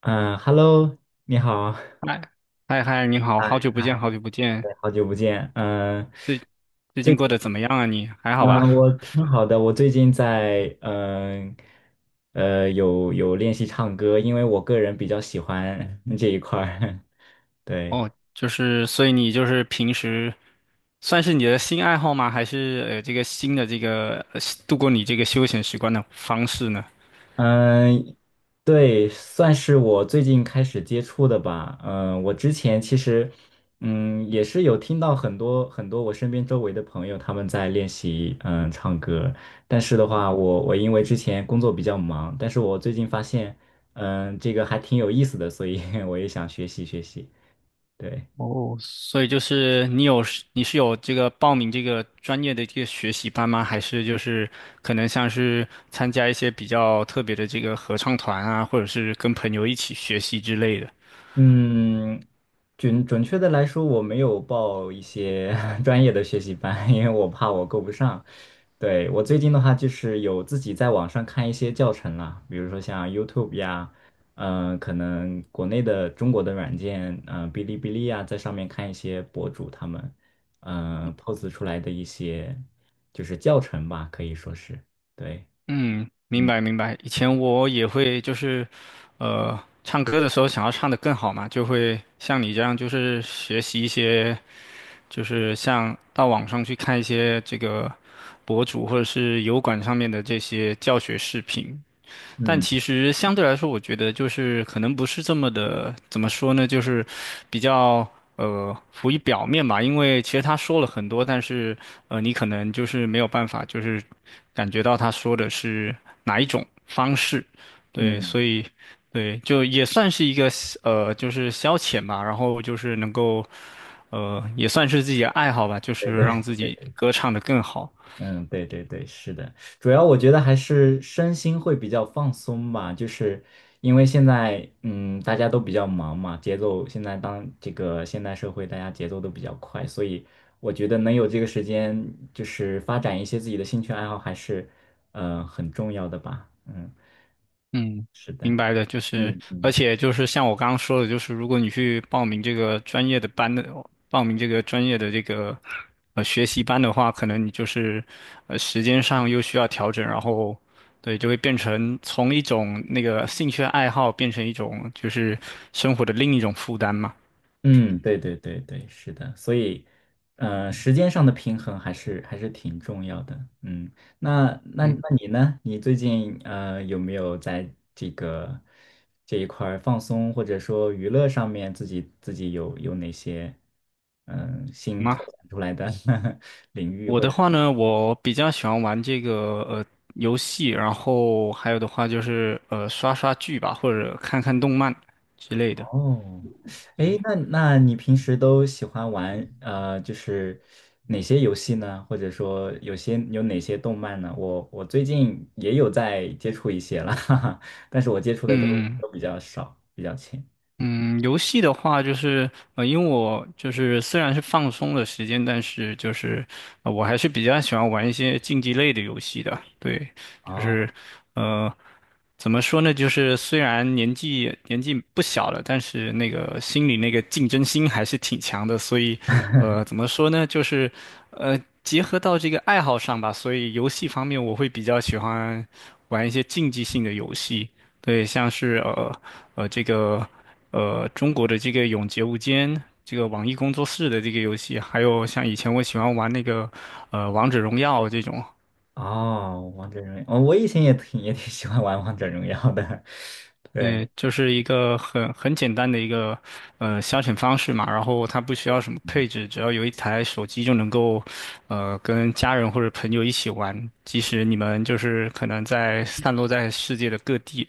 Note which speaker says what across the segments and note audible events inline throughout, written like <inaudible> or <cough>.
Speaker 1: 嗯，Hello，你好，
Speaker 2: 嗨嗨，你好，
Speaker 1: 嗨，
Speaker 2: 好久不见，好久不见，
Speaker 1: 对，好久不见。嗯，
Speaker 2: 最最
Speaker 1: 最
Speaker 2: 近
Speaker 1: 近，
Speaker 2: 过得怎么样啊你？还好
Speaker 1: 嗯，
Speaker 2: 吧？
Speaker 1: 我挺好的。我最近在有练习唱歌，因为我个人比较喜欢这一块儿。<laughs> 对，
Speaker 2: 所以你就是平时算是你的新爱好吗？还是这个新的度过你这个休闲时光的方式呢？
Speaker 1: 嗯，对，算是我最近开始接触的吧。嗯，我之前其实，也是有听到很多很多我身边周围的朋友他们在练习，唱歌。但是的话，我因为之前工作比较忙，但是我最近发现，这个还挺有意思的，所以 <laughs> 我也想学习学习。对。
Speaker 2: 哦，所以就是你是有这个报名这个专业的这个学习班吗？还是就是可能像是参加一些比较特别的这个合唱团啊，或者是跟朋友一起学习之类的？
Speaker 1: 嗯，准确的来说，我没有报一些 <laughs> 专业的学习班，因为我怕我够不上。对，我最近的话，就是有自己在网上看一些教程啦，比如说像 YouTube 呀，可能国内的中国的软件，哔哩哔哩呀，在上面看一些博主他们，pose 出来的一些就是教程吧，可以说是，对，
Speaker 2: 嗯，明
Speaker 1: 嗯
Speaker 2: 白明白。以前我也会唱歌的时候想要唱得更好嘛，就会像你这样，学习一些，就是像到网上去看一些这个博主或者是油管上面的这些教学视频。但
Speaker 1: 嗯
Speaker 2: 其实相对来说，我觉得就是可能不是这么的，怎么说呢，就是比较浮于表面吧。因为其实他说了很多，但是你可能就是没有办法，就是感觉到他说的是哪一种方式。对，
Speaker 1: 嗯，
Speaker 2: 所以对，就也算是一个就是消遣吧。然后就是能够也算是自己的爱好吧，就
Speaker 1: 对
Speaker 2: 是让
Speaker 1: 对。
Speaker 2: 自己歌唱的更好。
Speaker 1: 嗯，对对对，是的，主要我觉得还是身心会比较放松吧，就是因为现在大家都比较忙嘛，节奏现在当这个现代社会大家节奏都比较快，所以我觉得能有这个时间，就是发展一些自己的兴趣爱好还是很重要的吧。嗯，
Speaker 2: 嗯，
Speaker 1: 是的。
Speaker 2: 明白的。
Speaker 1: 嗯
Speaker 2: 而
Speaker 1: 嗯。
Speaker 2: 且就是像我刚刚说的，就是如果你去报名这个专业的这个学习班的话，可能你就是时间上又需要调整，然后对，就会变成从一种那个兴趣爱好变成一种就是生活的另一种负担嘛。
Speaker 1: 嗯，对对对对，是的，所以，时间上的平衡还是挺重要的。嗯，那那
Speaker 2: 嗯，
Speaker 1: 那你呢？你最近有没有在这个这一块儿放松或者说娱乐上面自己有哪些新拓
Speaker 2: 吗？
Speaker 1: 展出来的 <laughs> 领域
Speaker 2: 我
Speaker 1: 或
Speaker 2: 的
Speaker 1: 者
Speaker 2: 话呢，我比较喜欢玩这个呃游戏，然后还有的话就是刷刷剧吧，或者看看动漫之类的。
Speaker 1: 哦，哎，那你平时都喜欢玩就是哪些游戏呢？或者说有些有哪些动漫呢？我最近也有在接触一些了，<laughs> 哈哈，但是我接触的都
Speaker 2: 嗯
Speaker 1: 都比较少，比较浅。
Speaker 2: 嗯，游戏的话就是，因为我就是虽然是放松的时间，但是就是，我还是比较喜欢玩一些竞技类的游戏的。对，就
Speaker 1: 哦，
Speaker 2: 是，呃，怎么说呢？就是虽然年纪不小了，但是那个心里那个竞争心还是挺强的。所以，怎
Speaker 1: <laughs>
Speaker 2: 么说呢？呃，结合到这个爱好上吧，所以游戏方面我会比较喜欢玩一些竞技性的游戏。对，像是这个中国的这个《永劫无间》，这个网易工作室的这个游戏，还有像以前我喜欢玩那个《王者荣耀》这种，
Speaker 1: 哦，王者荣耀，哦，我以前也挺喜欢玩王者荣耀的，<laughs> 对，
Speaker 2: 嗯、就是一个很简单的一个消遣方式嘛。然后它不需要什么配置，只要有一台手机就能够跟家人或者朋友一起玩，即使你们就是可能在散落在世界的各地。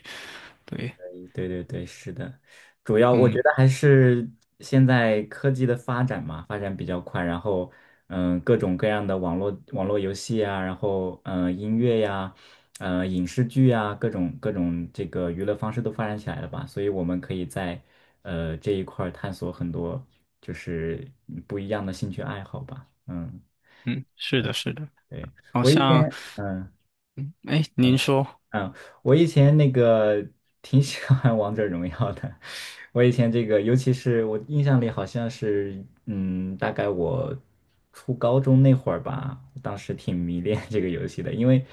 Speaker 2: 对，
Speaker 1: 对对对，是的，主要我觉
Speaker 2: 嗯
Speaker 1: 得还是现在科技的发展嘛，发展比较快，然后各种各样的网络游戏啊，然后音乐呀，影视剧啊，各种这个娱乐方式都发展起来了吧，所以我们可以在这一块儿探索很多就是不一样的兴趣爱好吧，嗯，
Speaker 2: 嗯，是的，是的。
Speaker 1: 对，
Speaker 2: 好
Speaker 1: 我一
Speaker 2: 像，
Speaker 1: 天。
Speaker 2: 哎，您说。
Speaker 1: 嗯，我以前那个挺喜欢 <laughs> 王者荣耀的。我以前这个，尤其是我印象里好像是，大概我初高中那会儿吧，当时挺迷恋 <laughs> 这个游戏的，因为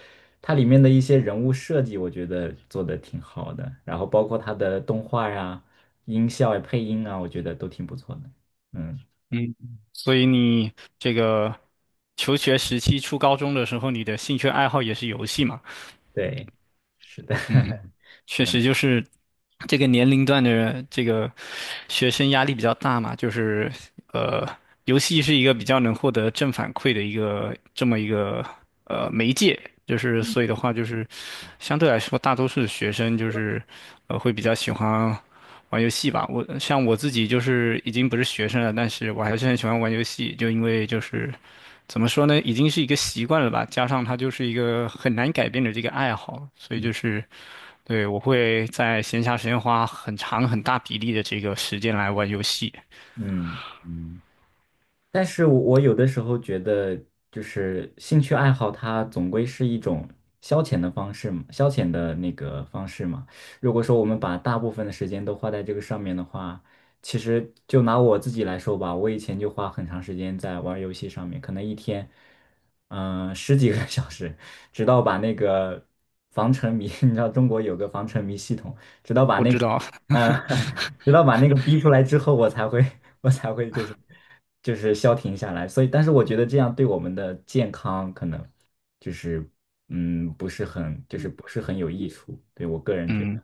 Speaker 1: 它里面的一些人物设计，我觉得做的挺好的，然后包括它的动画呀、音效呀、配音啊，我觉得都挺不错的。嗯，
Speaker 2: 嗯，所以你这个求学时期，初高中的时候，你的兴趣爱好也是游戏嘛？
Speaker 1: 对，是的，
Speaker 2: 嗯，
Speaker 1: <laughs>
Speaker 2: 确
Speaker 1: 嗯
Speaker 2: 实就是这个年龄段的这个学生压力比较大嘛，就是呃，游戏是一个比较能获得正反馈的一个这么一个媒介，就是所以的话，就是相对来说，大多数的学生就是会比较喜欢玩游戏吧。我像我自己就是已经不是学生了，但是我还是很喜欢玩游戏，就因为就是怎么说呢，已经是一个习惯了吧，加上它就是一个很难改变的这个爱好，所以就是对我会在闲暇时间花很长很大比例的这个时间来玩游戏。
Speaker 1: 嗯嗯。但是我有的时候觉得，就是兴趣爱好，它总归是一种消遣的方式嘛，消遣的那个方式嘛。如果说我们把大部分的时间都花在这个上面的话，其实就拿我自己来说吧，我以前就花很长时间在玩儿游戏上面，可能一天，十几个 <laughs> 小时，直到把那个防沉迷，<laughs> 你知道中国有个防沉迷系统，直到把
Speaker 2: 我
Speaker 1: 那
Speaker 2: 知
Speaker 1: 个。
Speaker 2: 道。
Speaker 1: 嗯，
Speaker 2: <laughs>
Speaker 1: <laughs> 直到把那个逼出来之后，我才会，<laughs> 我才会就是消停下来。所以，但是我觉得这样对我们的健康可能就是不是很就是
Speaker 2: 嗯，
Speaker 1: 不是很有益处。对我个人觉得，
Speaker 2: 嗯。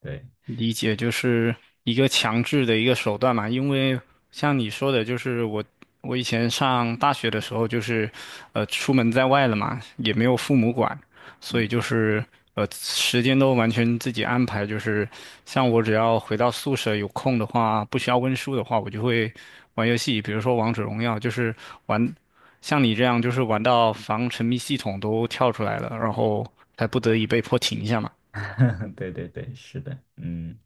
Speaker 1: 对，
Speaker 2: 理解就是一个强制的一个手段嘛，因为像你说的，就是我以前上大学的时候，就是出门在外了嘛，也没有父母管，所以
Speaker 1: 嗯，
Speaker 2: 就是时间都完全自己安排，就是像我只要回到宿舍有空的话，不需要温书的话，我就会玩游戏，比如说王者荣耀，就是玩像你这样，就是玩到防沉迷系统都跳出来了，然后才不得已被迫停一下嘛。
Speaker 1: <laughs> 对对对，是的，嗯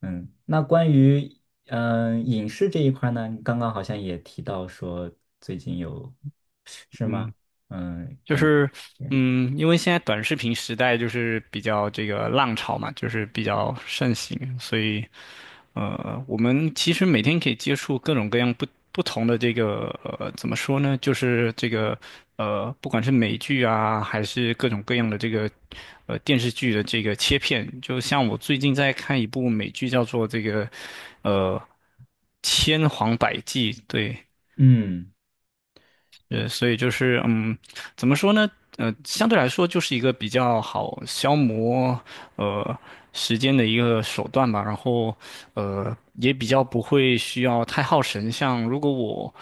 Speaker 1: 嗯。那关于影视这一块呢，你刚刚好像也提到说最近有是吗？
Speaker 2: 嗯，就
Speaker 1: 可能
Speaker 2: 是，
Speaker 1: 嗯
Speaker 2: 嗯，因为现在短视频时代就是比较这个浪潮嘛，就是比较盛行，所以，我们其实每天可以接触各种各样不同的这个，怎么说呢？就是这个，不管是美剧啊，还是各种各样的这个，电视剧的这个切片，就像我最近在看一部美剧，叫做这个，呃，《千谎百计》，对，所以就是嗯，怎么说呢？相对来说就是一个比较好消磨呃时间的一个手段吧。然后也比较不会需要太耗神。像如果我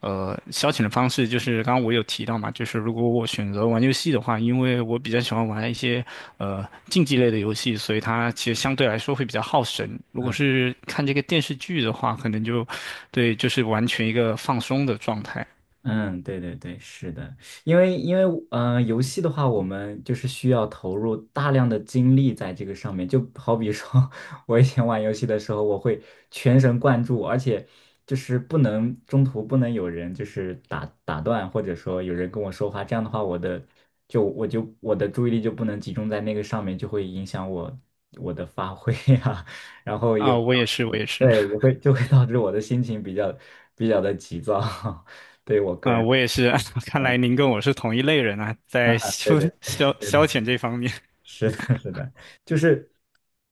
Speaker 2: 消遣的方式，就是刚刚我有提到嘛，就是如果我选择玩游戏的话，因为我比较喜欢玩一些竞技类的游戏，所以它其实相对来说会比较耗神。如果
Speaker 1: 嗯。
Speaker 2: 是看这个电视剧的话，可能就对，就是完全一个放松的状态。
Speaker 1: 嗯，对对对，是的，因为游戏的话，我们就是需要投入大量的精力在这个上面。就好比说，<laughs> 我以前玩游戏的时候，我会全神贯注，而且就是不能中途不能有人就是打断，或者说有人跟我说话，这样的话，我的注意力就不能集中在那个上面，就会影响我的发挥啊，<laughs> 然后也
Speaker 2: 啊，
Speaker 1: 会也会就会导致我的心情比较的急躁。<laughs> 对于我个人
Speaker 2: 我
Speaker 1: 来
Speaker 2: 也是。<laughs> 看来您跟我是同一类人啊，
Speaker 1: 讲，
Speaker 2: 在
Speaker 1: 对
Speaker 2: 消
Speaker 1: 对
Speaker 2: 消
Speaker 1: 对对，
Speaker 2: 消遣这方面。
Speaker 1: 是的，<laughs> 是的，就是，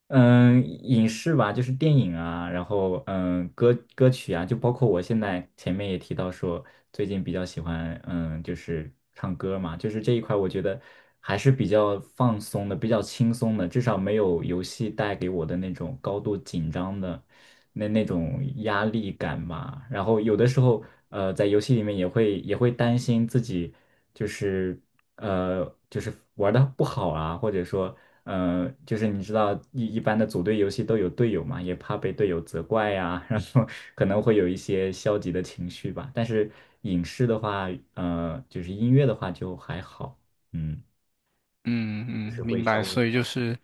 Speaker 1: 影视吧，就是电影啊，然后歌曲啊，就包括我现在前面也提到说，最近比较喜欢，就是唱歌嘛，就是这一块，我觉得还是比较放松的，比较轻松的，至少没有游戏带给我的那种高度紧张的。那种压力感嘛。然后有的时候，在游戏里面也会担心自己就是呃就是玩的不好啊，或者说就是你知道一般的组队游戏都有队友嘛，也怕被队友责怪呀、<laughs> 然后可能会有一些消极的情绪吧。但是影视的话，就是音乐的话就还好，嗯，
Speaker 2: 嗯
Speaker 1: 就
Speaker 2: 嗯，
Speaker 1: 是会
Speaker 2: 明
Speaker 1: 稍
Speaker 2: 白。
Speaker 1: 微好。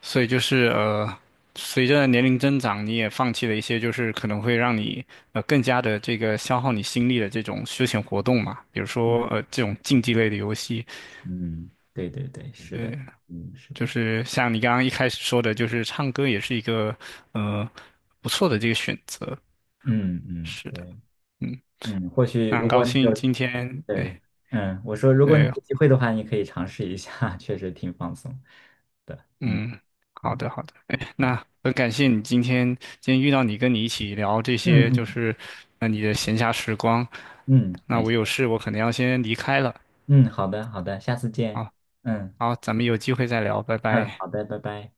Speaker 2: 所以就是随着年龄增长，你也放弃了一些就是可能会让你更加的这个消耗你心力的这种休闲活动嘛，比如说这种竞技类的游戏。
Speaker 1: 嗯，对对对，是的，
Speaker 2: 对，
Speaker 1: 嗯，是
Speaker 2: 就
Speaker 1: 的，
Speaker 2: 是像你刚刚一开始说的，就是唱歌也是一个呃不错的这个选择。
Speaker 1: 嗯嗯。
Speaker 2: 是的。
Speaker 1: 对。
Speaker 2: 嗯，
Speaker 1: 或许
Speaker 2: 那
Speaker 1: 如
Speaker 2: 很
Speaker 1: 果
Speaker 2: 高
Speaker 1: 你有，
Speaker 2: 兴今天。哎，
Speaker 1: 对，我说如果你
Speaker 2: 对，
Speaker 1: 有机会的话，你可以尝试一下，<laughs> 确实挺放松的。嗯
Speaker 2: 嗯，好
Speaker 1: 嗯
Speaker 2: 的，好的，哎，
Speaker 1: 嗯
Speaker 2: 那很感谢你今天遇到你，跟你一起聊这
Speaker 1: 嗯
Speaker 2: 些，就
Speaker 1: 嗯，
Speaker 2: 是那你的闲暇时光。
Speaker 1: 嗯
Speaker 2: 那
Speaker 1: 感
Speaker 2: 我有
Speaker 1: 谢。
Speaker 2: 事，我可能要先离开了
Speaker 1: 嗯，好的好的，下次见。
Speaker 2: 啊。
Speaker 1: 嗯
Speaker 2: 好，咱们有机会再聊，拜
Speaker 1: 嗯，
Speaker 2: 拜。
Speaker 1: 好的，拜拜。